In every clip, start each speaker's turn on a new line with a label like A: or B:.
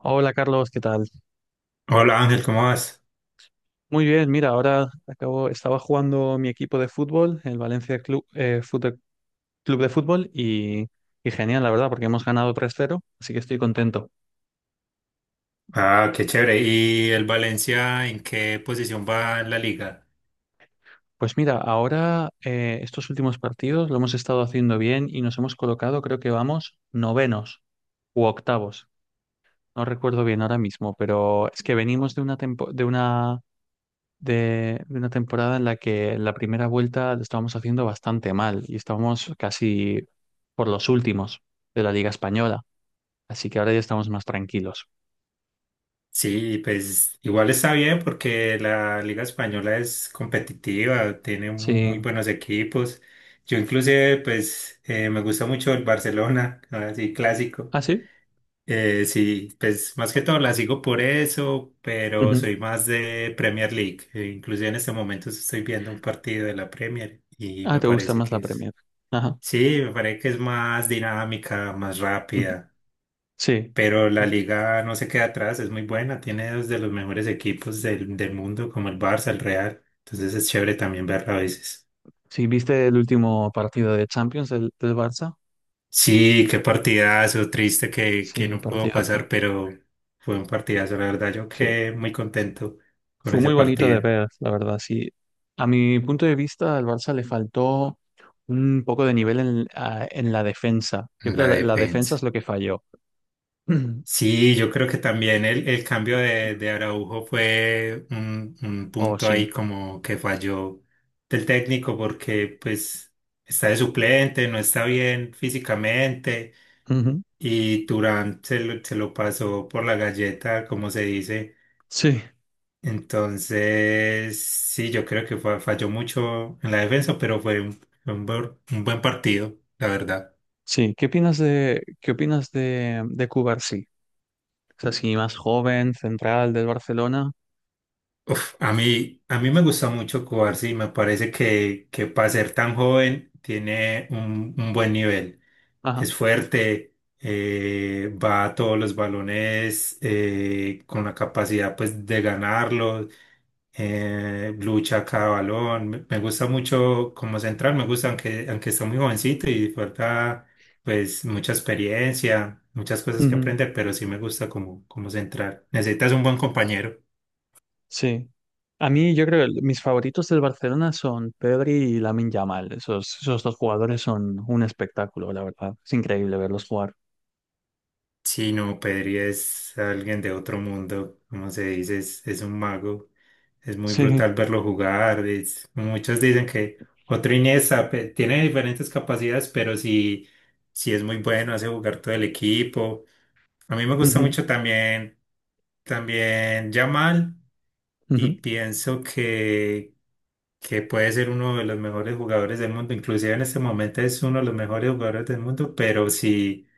A: Hola Carlos, ¿qué tal?
B: Hola Ángel, ¿cómo vas?
A: Muy bien, mira, ahora acabo, estaba jugando mi equipo de fútbol, el Valencia Club, Club de Fútbol, y genial, la verdad, porque hemos ganado 3-0, así que estoy contento.
B: Ah, qué chévere. ¿Y el Valencia en qué posición va en la liga?
A: Pues mira, ahora estos últimos partidos lo hemos estado haciendo bien y nos hemos colocado, creo que vamos, novenos u octavos. No recuerdo bien ahora mismo, pero es que venimos de una tempo- de una temporada en la que la primera vuelta lo estábamos haciendo bastante mal y estábamos casi por los últimos de la Liga Española. Así que ahora ya estamos más tranquilos.
B: Sí, pues igual está bien porque la liga española es competitiva, tiene
A: Sí.
B: muy buenos equipos. Yo inclusive pues me gusta mucho el Barcelona, así clásico.
A: ¿Ah, sí?
B: Sí, pues más que todo la sigo por eso, pero
A: Ujú.
B: soy más de Premier League. Inclusive en este momento estoy viendo un partido de la Premier y
A: Ah,
B: me
A: ¿te gusta
B: parece
A: más
B: que
A: la
B: es.
A: Premier? Ajá.
B: Sí, me parece que es más dinámica, más
A: Ujú.
B: rápida,
A: Sí.
B: pero la liga no se queda atrás, es muy buena, tiene dos de los mejores equipos del mundo, como el Barça, el Real, entonces es chévere también verla a veces.
A: Sí, ¿viste el último partido de Champions del Barça?
B: Sí, qué partidazo, triste que
A: Sí,
B: no pudo
A: partidazo.
B: pasar, pero fue un partidazo, la verdad, yo
A: Sí.
B: quedé muy contento con
A: Fue
B: ese
A: muy bonito de
B: partido,
A: ver, la verdad, sí. A mi punto de vista, al Barça le faltó un poco de nivel en la defensa. Yo creo
B: la
A: que la defensa es
B: defensa.
A: lo que falló.
B: Sí, yo creo que también el cambio de Araujo fue un
A: Oh,
B: punto
A: sí.
B: ahí como que falló del técnico porque pues está de suplente, no está bien físicamente
A: Ujú.
B: y Turán se lo pasó por la galleta, como se dice.
A: Sí,
B: Entonces, sí, yo creo que falló mucho en la defensa, pero fue un buen partido, la verdad.
A: sí. ¿Qué opinas de Cubarsí? O sea, sí más joven, central del Barcelona.
B: Uf, a mí me gusta mucho Cubarsí, me parece que para ser tan joven tiene un buen nivel.
A: Ajá.
B: Es fuerte, va a todos los balones con la capacidad pues de ganarlos, lucha cada balón. Me gusta mucho como central, me gusta aunque está muy jovencito y falta pues mucha experiencia, muchas cosas que
A: Ujú.
B: aprender, pero sí me gusta como central. Necesitas un buen compañero.
A: Sí. A mí, yo creo que mis favoritos del Barcelona son Pedri y Lamine Yamal. Esos dos jugadores son un espectáculo, la verdad. Es increíble verlos jugar.
B: Sí, no, Pedri es alguien de otro mundo, como se dice, es un mago. Es muy
A: Sí.
B: brutal verlo jugar. Muchos dicen que otro tiene diferentes capacidades, pero sí, sí es muy bueno, hace jugar todo el equipo. A mí me gusta
A: Ujú,
B: mucho también, también Yamal
A: ujú,
B: y pienso que puede ser uno de los mejores jugadores del mundo. Inclusive en este momento es uno de los mejores jugadores del mundo, pero sí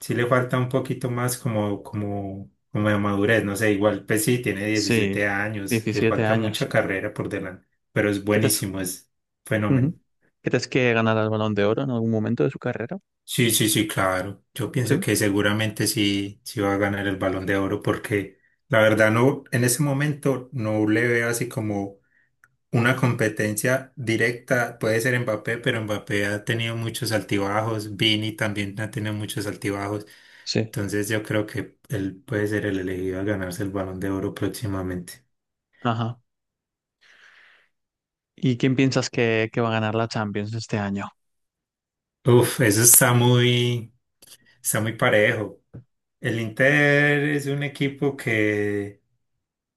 B: sí le falta un poquito más como de madurez, no sé, igual pues sí, tiene
A: sí,
B: 17 años, le
A: 17
B: falta
A: años,
B: mucha
A: sí.
B: carrera por delante, pero es
A: ¿Crees,
B: buenísimo, es fenomenal.
A: Ujú. Crees que ganará el Balón de Oro en algún momento de su carrera?
B: Sí, sí, sí, claro. Yo pienso
A: Sí,
B: que seguramente sí, sí va a ganar el Balón de Oro porque la verdad no, en ese momento no le veo así como una competencia directa. Puede ser Mbappé, pero Mbappé ha tenido muchos altibajos. Vini también ha tenido muchos altibajos.
A: sí.
B: Entonces yo creo que él puede ser el elegido a ganarse el Balón de Oro próximamente.
A: Ajá. ¿Y quién piensas que va a ganar la Champions este año?
B: Uf, eso está muy parejo. El Inter es un equipo que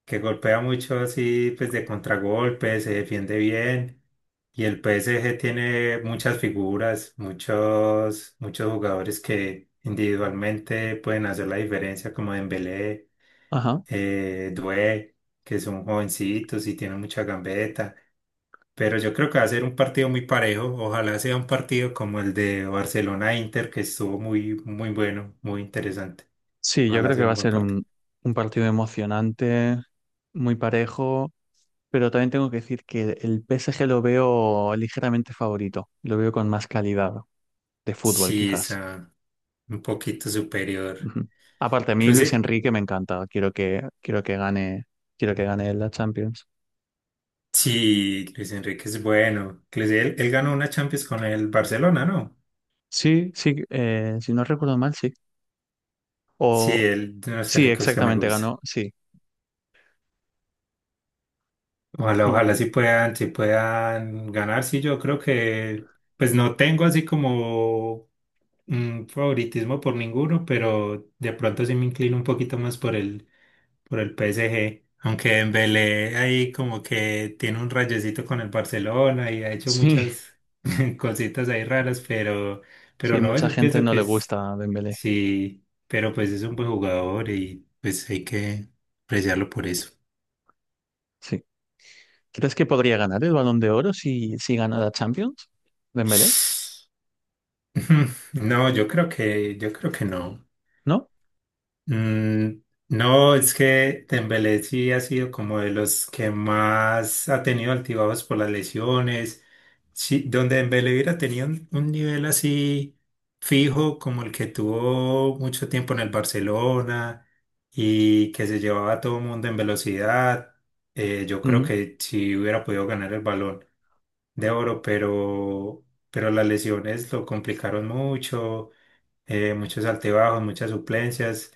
B: que golpea mucho así, pues de contragolpe, se defiende bien. Y el PSG tiene muchas figuras, muchos, muchos jugadores que individualmente pueden hacer la diferencia, como Dembélé,
A: Ajá.
B: Doué, que son jovencitos y tienen mucha gambeta. Pero yo creo que va a ser un partido muy parejo. Ojalá sea un partido como el de Barcelona-Inter, que estuvo muy, muy bueno, muy interesante.
A: Sí, yo
B: Ojalá
A: creo que
B: sea
A: va
B: un
A: a
B: buen
A: ser
B: partido.
A: un partido emocionante, muy parejo, pero también tengo que decir que el PSG lo veo ligeramente favorito, lo veo con más calidad de fútbol,
B: Sí,
A: quizás.
B: está un poquito superior.
A: Ujú. Aparte, a mí Luis
B: Inclusive,
A: Enrique me encanta, quiero que gane la Champions.
B: sí, Luis Enrique es bueno. Inclusive él ganó una Champions con el Barcelona, ¿no?
A: Sí, sí, si no recuerdo mal, sí.
B: Sí,
A: O
B: él de los
A: sí,
B: técnicos que me
A: exactamente,
B: gusta.
A: ganó, sí.
B: Ojalá, ojalá
A: Y
B: sí puedan ganar. Sí, yo creo que, pues no tengo así como un favoritismo por ninguno, pero de pronto sí me inclino un poquito más por por el PSG. Aunque Dembélé ahí como que tiene un rayecito con el Barcelona y ha hecho
A: sí,
B: muchas cositas ahí raras, pero
A: sí,
B: no,
A: mucha
B: yo
A: gente
B: pienso
A: no
B: que
A: le
B: es,
A: gusta a Dembélé.
B: sí, pero pues es un buen jugador y pues hay que apreciarlo por eso.
A: Sí. ¿Crees que podría ganar el Balón de Oro si gana la Champions? Dembélé,
B: Ujú. No, yo creo que no.
A: ¿no?
B: Mm, no, es que Dembélé sí ha sido como de los que más ha tenido altibajos por las lesiones. Sí, donde Dembélé hubiera tenido un nivel así fijo como el que tuvo mucho tiempo en el Barcelona y que se llevaba a todo el mundo en velocidad, yo creo
A: Ujú,
B: que sí hubiera podido ganar el balón de oro, pero las lesiones lo complicaron mucho muchos altibajos, muchas suplencias,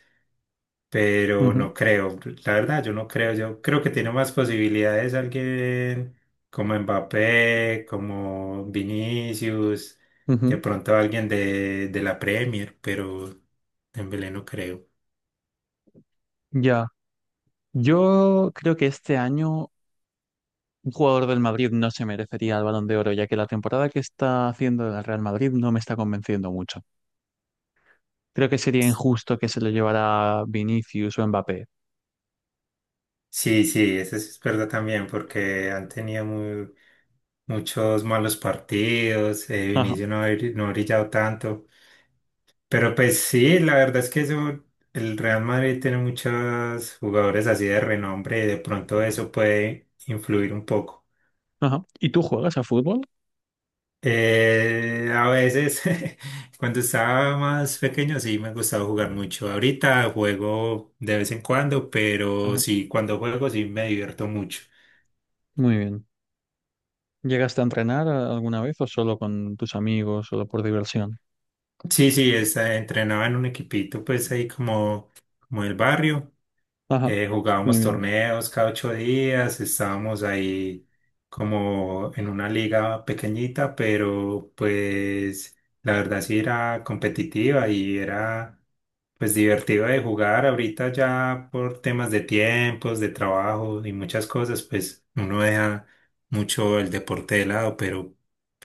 B: pero
A: ujú,
B: no creo, la verdad yo no creo, yo creo que tiene más posibilidades alguien como Mbappé, como Vinicius, de
A: ujú.
B: pronto alguien de la Premier, pero Dembélé no creo.
A: Ya. Yo creo que este año un jugador del Madrid no se merecería el Balón de Oro, ya que la temporada que está haciendo el Real Madrid no me está convenciendo mucho. Creo que sería injusto que se lo llevara Vinicius o Mbappé.
B: Sí, sí, eso sí es verdad también, porque han tenido muy, muchos malos partidos,
A: Ajá,
B: Vinicius no ha brillado tanto. Pero pues sí, la verdad es que eso, el Real Madrid tiene muchos jugadores así de renombre y de pronto eso puede influir un poco.
A: ajá. ¿Y tú juegas a fútbol?
B: A veces, cuando estaba más pequeño, sí me gustaba jugar mucho. Ahorita juego de vez en cuando, pero
A: Ajá,
B: sí, cuando juego sí me divierto mucho.
A: muy bien. ¿Llegaste a entrenar alguna vez o solo con tus amigos, solo por diversión?
B: Sí, sí, entrenaba en un equipito pues ahí como el barrio.
A: Ajá, muy
B: Jugábamos
A: bien.
B: torneos cada 8 días, estábamos ahí como en una liga pequeñita, pero pues la verdad sí era competitiva y era pues divertido de jugar. Ahorita ya por temas de tiempos, de trabajo y muchas cosas, pues uno deja mucho el deporte de lado, pero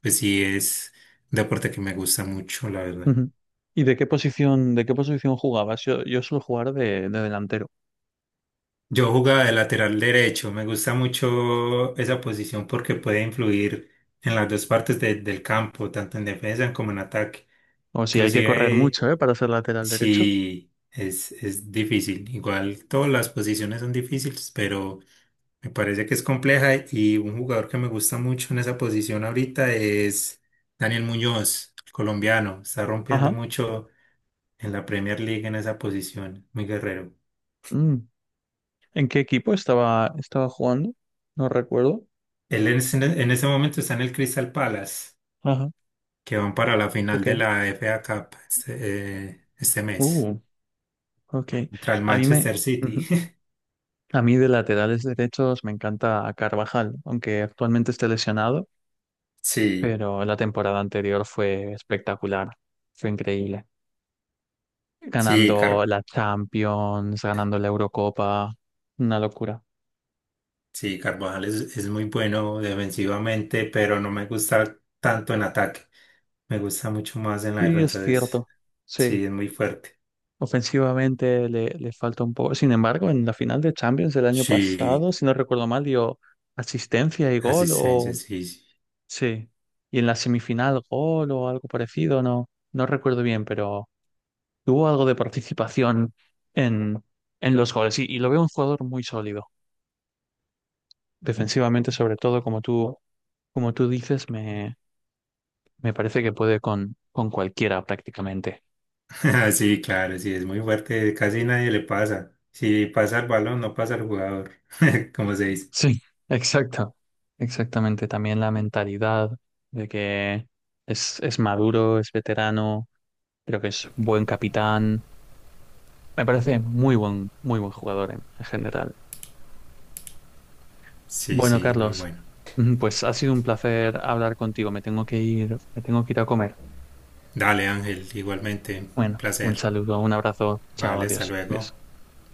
B: pues sí es un deporte que me gusta mucho, la verdad.
A: Ujú. ¿Y de qué posición jugabas? Yo suelo jugar de delantero.
B: Yo jugaba de lateral derecho, me gusta mucho esa posición porque puede influir en las dos partes del campo, tanto en defensa como en ataque.
A: O si hay que correr
B: Inclusive
A: mucho, ¿eh? Para ser lateral derecho.
B: si es, es difícil, igual todas las posiciones son difíciles, pero me parece que es compleja y un jugador que me gusta mucho en esa posición ahorita es Daniel Muñoz, el colombiano, está rompiendo
A: Ajá.
B: mucho en la Premier League en esa posición, muy guerrero.
A: Mm. ¿En qué equipo estaba jugando? No recuerdo.
B: Él en ese momento está en el Crystal Palace.
A: Ajá.
B: Que van para la final de
A: Ok.
B: la FA Cup este, este mes
A: Uh, ok.
B: contra el
A: A mí me,
B: Manchester City.
A: Ujú. A mí de laterales derechos me encanta Carvajal, aunque actualmente esté lesionado,
B: Sí,
A: pero la temporada anterior fue espectacular, fue increíble.
B: sí,
A: Ganando la Champions, ganando la Eurocopa, una locura.
B: Sí, Carvajal es muy bueno defensivamente, pero no me gusta tanto en ataque. Me gusta mucho más en la
A: Sí, es
B: defensa.
A: cierto. Sí,
B: Sí, es muy fuerte.
A: ofensivamente le falta un poco. Sin embargo, en la final de Champions el año
B: Sí,
A: pasado, si no recuerdo mal, dio asistencia y gol
B: asistencia,
A: o...
B: sí, sí.
A: Sí. Y en la semifinal gol o algo parecido, no, no recuerdo bien, pero tuvo algo de participación en, en los goles. Y lo veo un jugador muy sólido. Defensivamente, sobre todo, como tú dices, me parece que puede con cualquiera prácticamente.
B: Sí, claro, sí, es muy fuerte. Casi nadie le pasa. Si pasa el balón, no pasa el jugador, como se dice.
A: Sí, exacto, exactamente. También la mentalidad de que es maduro, es veterano, creo que es buen capitán. Me parece muy buen jugador en general.
B: Sí,
A: Bueno,
B: sí, muy
A: Carlos,
B: bueno.
A: pues ha sido un placer hablar contigo. Me tengo que ir, me tengo que ir a comer.
B: Dale, Ángel, igualmente,
A: Bueno, un
B: placer.
A: saludo, un abrazo, chao,
B: Vale, hasta
A: adiós,
B: luego.
A: adiós.